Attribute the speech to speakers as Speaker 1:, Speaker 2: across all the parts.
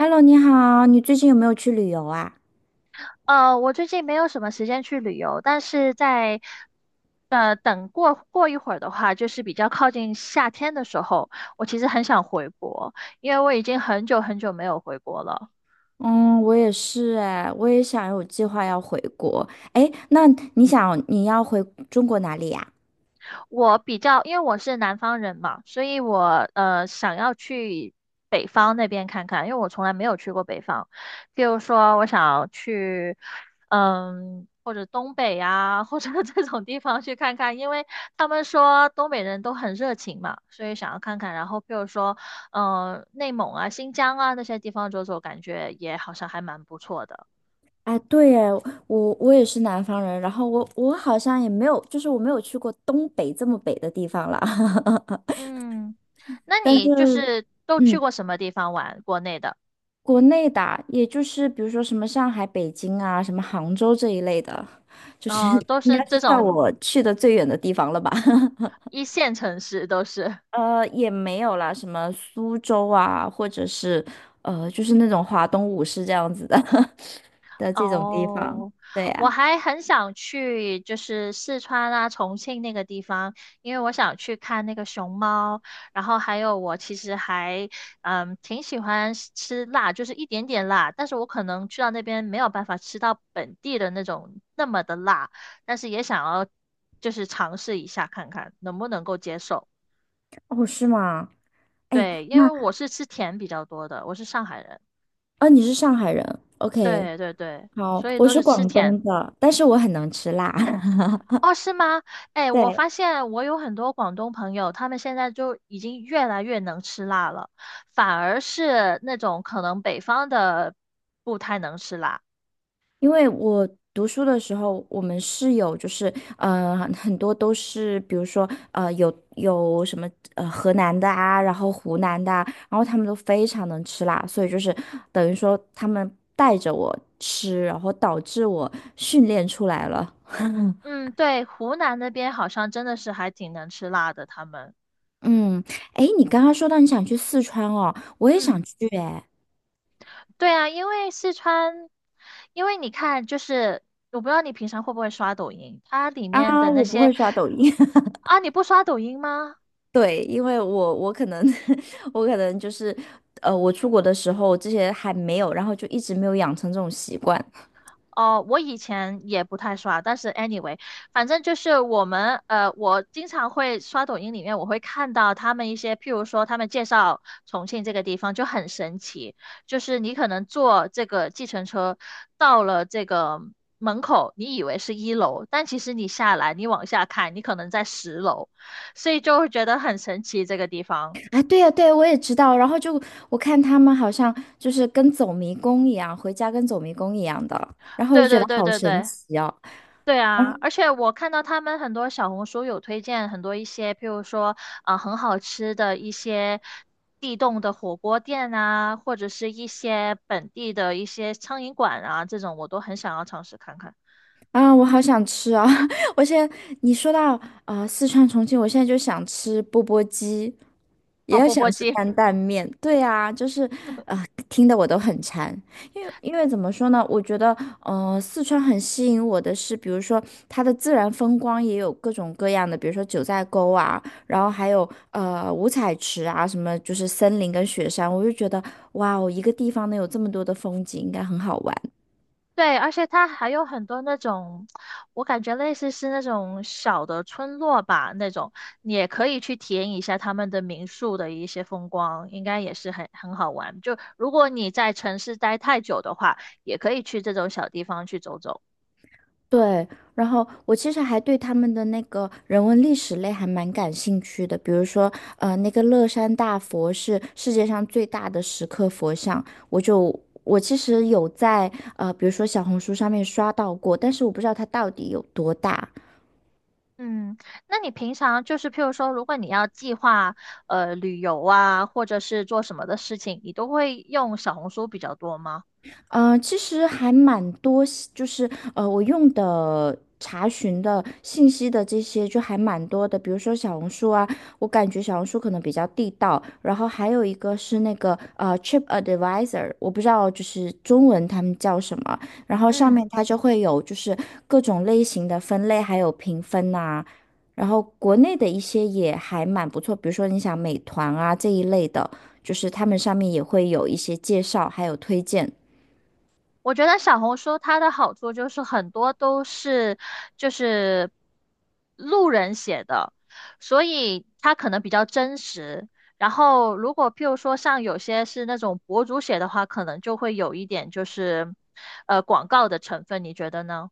Speaker 1: Hello，你好，你最近有没有去旅游啊？
Speaker 2: 我最近没有什么时间去旅游，但是在等过一会儿的话，就是比较靠近夏天的时候，我其实很想回国，因为我已经很久很久没有回国了。
Speaker 1: 嗯，我也是哎，我也想有计划要回国。哎，那你要回中国哪里呀？
Speaker 2: 我比较，因为我是南方人嘛，所以我想要去北方那边看看，因为我从来没有去过北方。譬如说，我想要去，或者东北呀，或者 这种地方去看看，因为他们说东北人都很热情嘛，所以想要看看。然后譬如说，内蒙啊、新疆啊那些地方走走，感觉也好像还蛮不错的。
Speaker 1: 哎，对哎，我也是南方人，然后我好像也没有，就是我没有去过东北这么北的地方了。
Speaker 2: 嗯，那
Speaker 1: 但
Speaker 2: 你就
Speaker 1: 是
Speaker 2: 是都去
Speaker 1: 嗯，
Speaker 2: 过什么地方玩？国内的？
Speaker 1: 国内的啊，也就是比如说什么上海、北京啊，什么杭州这一类的，就是
Speaker 2: 哦，都
Speaker 1: 应
Speaker 2: 是
Speaker 1: 该是
Speaker 2: 这
Speaker 1: 算
Speaker 2: 种
Speaker 1: 我去的最远的地方了吧？
Speaker 2: 一线城市都是。
Speaker 1: 也没有啦，什么苏州啊，或者是就是那种华东五市这样子的 的这种地方。
Speaker 2: 哦，
Speaker 1: 对
Speaker 2: 我
Speaker 1: 呀、
Speaker 2: 还很想去，就是四川啊、重庆那个地方，因为我想去看那个熊猫。然后还有，我其实还挺喜欢吃吃辣，就是一点点辣，但是我可能去到那边没有办法吃到本地的那种那么的辣，但是也想要就是尝试一下看看能不能够接受。
Speaker 1: 哦，是吗？哎，
Speaker 2: 对，因
Speaker 1: 那
Speaker 2: 为我是吃甜比较多的，我是上海人。
Speaker 1: 你是上海人，OK，
Speaker 2: 对对对，
Speaker 1: 好，
Speaker 2: 所以
Speaker 1: 我
Speaker 2: 都
Speaker 1: 是
Speaker 2: 是吃
Speaker 1: 广东
Speaker 2: 甜。
Speaker 1: 的，但是我很能吃辣。
Speaker 2: 哦，是吗？哎，我
Speaker 1: 对，
Speaker 2: 发现我有很多广东朋友，他们现在就已经越来越能吃辣了，反而是那种可能北方的不太能吃辣。
Speaker 1: 因为我读书的时候，我们室友就是很多都是，比如说有什么河南的啊，然后湖南的啊，然后他们都非常能吃辣，所以就是等于说他们带着我吃，然后导致我训练出来了。
Speaker 2: 嗯，对，湖南那边好像真的是还挺能吃辣的，他们。
Speaker 1: 嗯，哎，你刚刚说到你想去四川哦，我也
Speaker 2: 嗯，
Speaker 1: 想去哎。
Speaker 2: 对啊，因为四川，因为你看，就是我不知道你平常会不会刷抖音，它里面
Speaker 1: 啊，
Speaker 2: 的那
Speaker 1: 我不
Speaker 2: 些
Speaker 1: 会刷抖音。
Speaker 2: 啊，你不刷抖音吗？
Speaker 1: 对，因为我可能 我可能就是我出国的时候这些还没有，然后就一直没有养成这种习惯。
Speaker 2: 哦，我以前也不太刷，但是 anyway，反正就是我们我经常会刷抖音里面，我会看到他们一些，譬如说他们介绍重庆这个地方就很神奇，就是你可能坐这个计程车到了这个门口，你以为是1楼，但其实你下来，你往下看，你可能在10楼，所以就会觉得很神奇这个地方。
Speaker 1: 啊，对呀，对呀我也知道。然后就我看他们好像就是跟走迷宫一样，回家跟走迷宫一样的，然后就
Speaker 2: 对
Speaker 1: 觉
Speaker 2: 对
Speaker 1: 得
Speaker 2: 对
Speaker 1: 好
Speaker 2: 对
Speaker 1: 神
Speaker 2: 对。
Speaker 1: 奇哦。
Speaker 2: 对啊，而且我看到他们很多小红书有推荐很多一些，譬如说啊，很好吃的一些地洞的火锅店啊，或者是一些本地的一些苍蝇馆啊，这种我都很想要尝试看看。
Speaker 1: 啊，我好想吃啊！我现在你说到四川重庆，我现在就想吃钵钵鸡，也
Speaker 2: 哦，
Speaker 1: 要
Speaker 2: 钵
Speaker 1: 想
Speaker 2: 钵
Speaker 1: 吃
Speaker 2: 鸡。
Speaker 1: 担担面。对啊，就是听得我都很馋。因为怎么说呢？我觉得四川很吸引我的是，比如说它的自然风光也有各种各样的，比如说九寨沟啊，然后还有五彩池啊，什么就是森林跟雪山，我就觉得哇哦，一个地方能有这么多的风景，应该很好玩。
Speaker 2: 对，而且它还有很多那种，我感觉类似是那种小的村落吧，那种你也可以去体验一下他们的民宿的一些风光，应该也是很好玩。就如果你在城市待太久的话，也可以去这种小地方去走走。
Speaker 1: 对，然后我其实还对他们的那个人文历史类还蛮感兴趣的，比如说，呃，那个乐山大佛是世界上最大的石刻佛像，我其实有在比如说小红书上面刷到过，但是我不知道它到底有多大。
Speaker 2: 嗯，那你平常就是譬如说，如果你要计划旅游啊，或者是做什么的事情，你都会用小红书比较多吗？
Speaker 1: 呃，其实还蛮多信就是呃，我用的查询的信息的这些就还蛮多的，比如说小红书啊，我感觉小红书可能比较地道，然后还有一个是那个TripAdvisor，我不知道就是中文他们叫什么，然后上
Speaker 2: 嗯。
Speaker 1: 面它就会有就是各种类型的分类，还有评分呐、然后国内的一些也还蛮不错，比如说你想美团啊这一类的，就是他们上面也会有一些介绍，还有推荐。
Speaker 2: 我觉得小红书它的好处就是很多都是就是路人写的，所以它可能比较真实。然后如果譬如说像有些是那种博主写的话，可能就会有一点就是广告的成分，你觉得呢？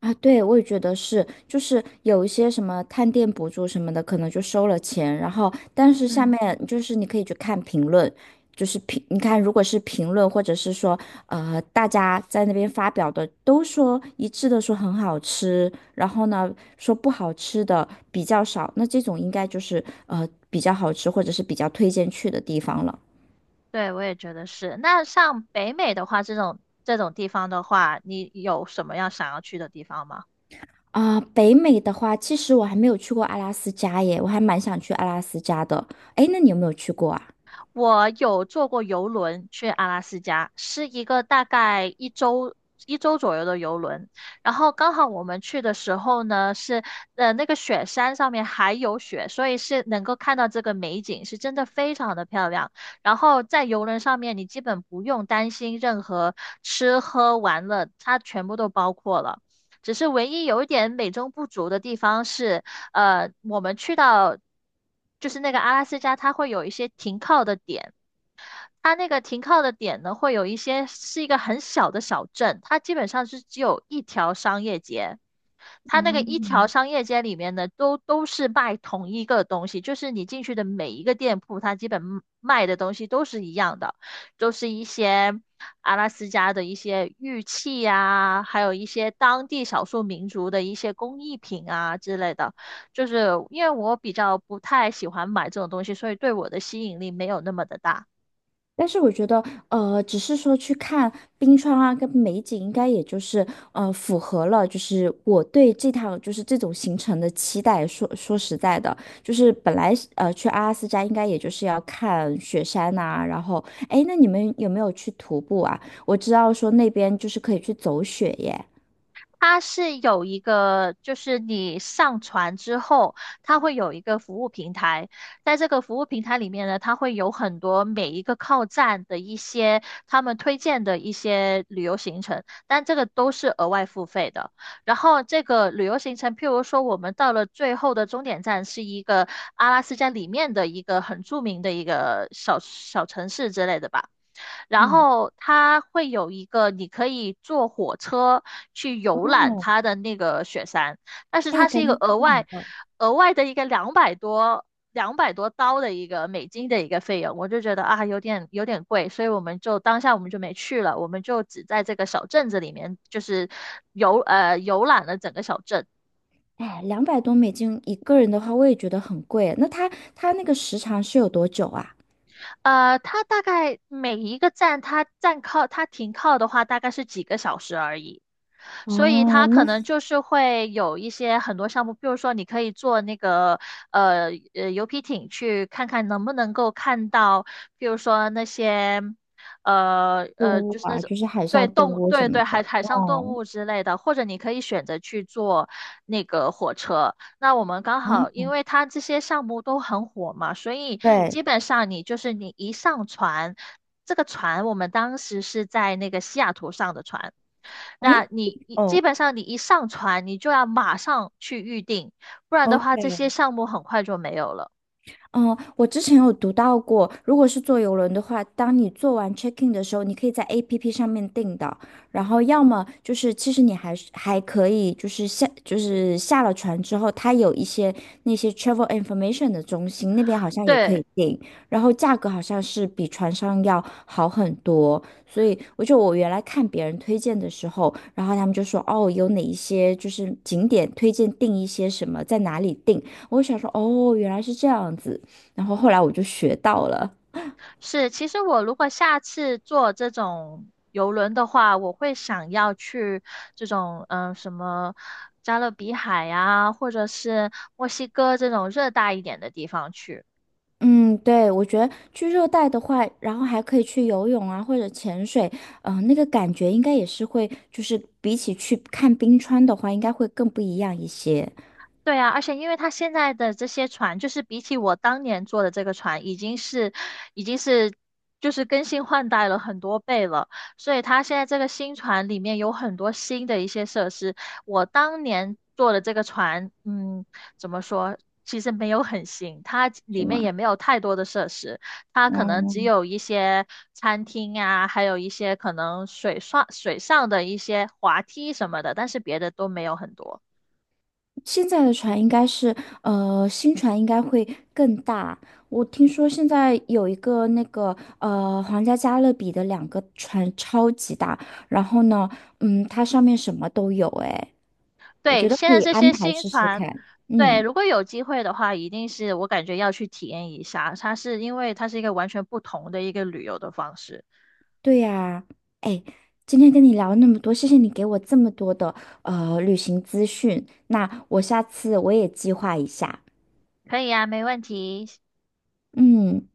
Speaker 1: 啊，对，我也觉得是，就是有一些什么探店博主什么的，可能就收了钱，然后但是下面
Speaker 2: 嗯，
Speaker 1: 就是你可以去看评论，就是评，你看如果是评论或者是说大家在那边发表的，都说一致的说很好吃，然后呢说不好吃的比较少，那这种应该就是比较好吃或者是比较推荐去的地方了。
Speaker 2: 对，我也觉得是。那像北美的话，这种这种地方的话，你有什么样想要去的地方吗？
Speaker 1: 啊、北美的话，其实我还没有去过阿拉斯加耶，我还蛮想去阿拉斯加的。哎，那你有没有去过啊？
Speaker 2: 我有坐过游轮去阿拉斯加，是一个大概一周一周左右的游轮。然后刚好我们去的时候呢，是那个雪山上面还有雪，所以是能够看到这个美景，是真的非常的漂亮。然后在游轮上面，你基本不用担心任何吃喝玩乐，它全部都包括了。只是唯一有一点美中不足的地方是，我们去到就是那个阿拉斯加，它会有一些停靠的点。它那个停靠的点呢，会有一些是一个很小的小镇，它基本上是只有一条商业街。它那个一
Speaker 1: 嗯，
Speaker 2: 条商业街里面呢，都是卖同一个东西，就是你进去的每一个店铺，它基本卖的东西都是一样的，都是一些阿拉斯加的一些玉器啊，还有一些当地少数民族的一些工艺品啊之类的。就是因为我比较不太喜欢买这种东西，所以对我的吸引力没有那么的大。
Speaker 1: 但是我觉得，呃，只是说去看冰川啊，跟美景，应该也就是符合了，就是我对这趟就是这种行程的期待。说说实在的，就是本来去阿拉斯加应该也就是要看雪山呐、然后哎，那你们有没有去徒步啊？我知道说那边就是可以去走雪耶。
Speaker 2: 它是有一个，就是你上传之后，它会有一个服务平台，在这个服务平台里面呢，它会有很多每一个靠站的一些他们推荐的一些旅游行程，但这个都是额外付费的。然后这个旅游行程，譬如说我们到了最后的终点站是一个阿拉斯加里面的一个很著名的一个小小城市之类的吧。然
Speaker 1: 嗯，
Speaker 2: 后它会有一个你可以坐火车去游览
Speaker 1: 哦，
Speaker 2: 它的那个雪山，但是
Speaker 1: 哎，
Speaker 2: 它是一
Speaker 1: 感
Speaker 2: 个
Speaker 1: 觉这
Speaker 2: 额
Speaker 1: 个很
Speaker 2: 外
Speaker 1: 棒。
Speaker 2: 额外的一个两百多刀的一个美金的一个费用，我就觉得啊有点贵，所以我们就当下我们就没去了，我们就只在这个小镇子里面就是游览了整个小镇。
Speaker 1: 哎，两百多美金一个人的话，我也觉得很贵。那他那个时长是有多久啊？
Speaker 2: 它大概每一个站，它停靠的话，大概是几个小时而已。所以
Speaker 1: 哦，
Speaker 2: 它
Speaker 1: 那
Speaker 2: 可能就是会有一些很多项目，比如说你可以坐那个游皮艇去看看能不能够看到，比如说那些
Speaker 1: 动物
Speaker 2: 就是那
Speaker 1: 啊，
Speaker 2: 种
Speaker 1: 就是海
Speaker 2: 对
Speaker 1: 上动
Speaker 2: 动
Speaker 1: 物什
Speaker 2: 对
Speaker 1: 么
Speaker 2: 对海
Speaker 1: 的。
Speaker 2: 海上动
Speaker 1: 哦，
Speaker 2: 物之类的，或者你可以选择去坐那个火车。那我们刚好，
Speaker 1: 啊，
Speaker 2: 因为它这些项目都很火嘛，所以
Speaker 1: 对，
Speaker 2: 基本上你就是你一上船，这个船我们当时是在那个西雅图上的船，
Speaker 1: 嗯，
Speaker 2: 那基
Speaker 1: 哦
Speaker 2: 本上你一上船，你就要马上去预定，不然的话这些
Speaker 1: ，OK，
Speaker 2: 项目很快就没有了。
Speaker 1: 嗯，我之前有读到过，如果是坐邮轮的话，当你做完 check in 的时候，你可以在 APP 上面订的，然后要么就是其实你还是还可以就是下了船之后，它有一些那些 travel information 的中心，那边好像也可
Speaker 2: 对。
Speaker 1: 以订，然后价格好像是比船上要好很多，所以我原来看别人推荐的时候，然后他们就说哦，有哪一些就是景点推荐订一些什么，在哪里订，我就想说哦，原来是这样子。然后后来我就学到了。
Speaker 2: 是，其实我如果下次坐这种游轮的话，我会想要去这种什么加勒比海呀，或者是墨西哥这种热带一点的地方去。
Speaker 1: 嗯，对，我觉得去热带的话，然后还可以去游泳啊，或者潜水，嗯，那个感觉应该也是会，就是比起去看冰川的话，应该会更不一样一些，
Speaker 2: 对啊，而且因为它现在的这些船，就是比起我当年做的这个船，已经是就是更新换代了很多倍了，所以它现在这个新船里面有很多新的一些设施。我当年做的这个船，嗯，怎么说？其实没有很新，它
Speaker 1: 是
Speaker 2: 里面
Speaker 1: 吗？
Speaker 2: 也没有太多的设施，它可能只
Speaker 1: 嗯，
Speaker 2: 有一些餐厅啊，还有一些可能水上的一些滑梯什么的，但是别的都没有很多。
Speaker 1: 现在的船应该是，新船应该会更大。我听说现在有一个那个，皇家加勒比的两个船超级大，然后呢，嗯，它上面什么都有，诶。我
Speaker 2: 对，
Speaker 1: 觉得
Speaker 2: 现
Speaker 1: 可
Speaker 2: 在
Speaker 1: 以
Speaker 2: 这
Speaker 1: 安
Speaker 2: 些
Speaker 1: 排
Speaker 2: 新
Speaker 1: 试试
Speaker 2: 船，
Speaker 1: 看。
Speaker 2: 对，
Speaker 1: 嗯，
Speaker 2: 如果有机会的话，一定是我感觉要去体验一下。它是因为它是一个完全不同的一个旅游的方式。
Speaker 1: 对呀，哎，今天跟你聊了那么多，谢谢你给我这么多的旅行资讯。那我下次我也计划一下。
Speaker 2: 可以啊，没问题。
Speaker 1: 嗯，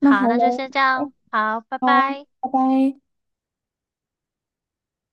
Speaker 1: 那
Speaker 2: 好，
Speaker 1: 好
Speaker 2: 那就
Speaker 1: 喽，
Speaker 2: 先这
Speaker 1: 哎，
Speaker 2: 样。好，拜拜。
Speaker 1: 拜拜。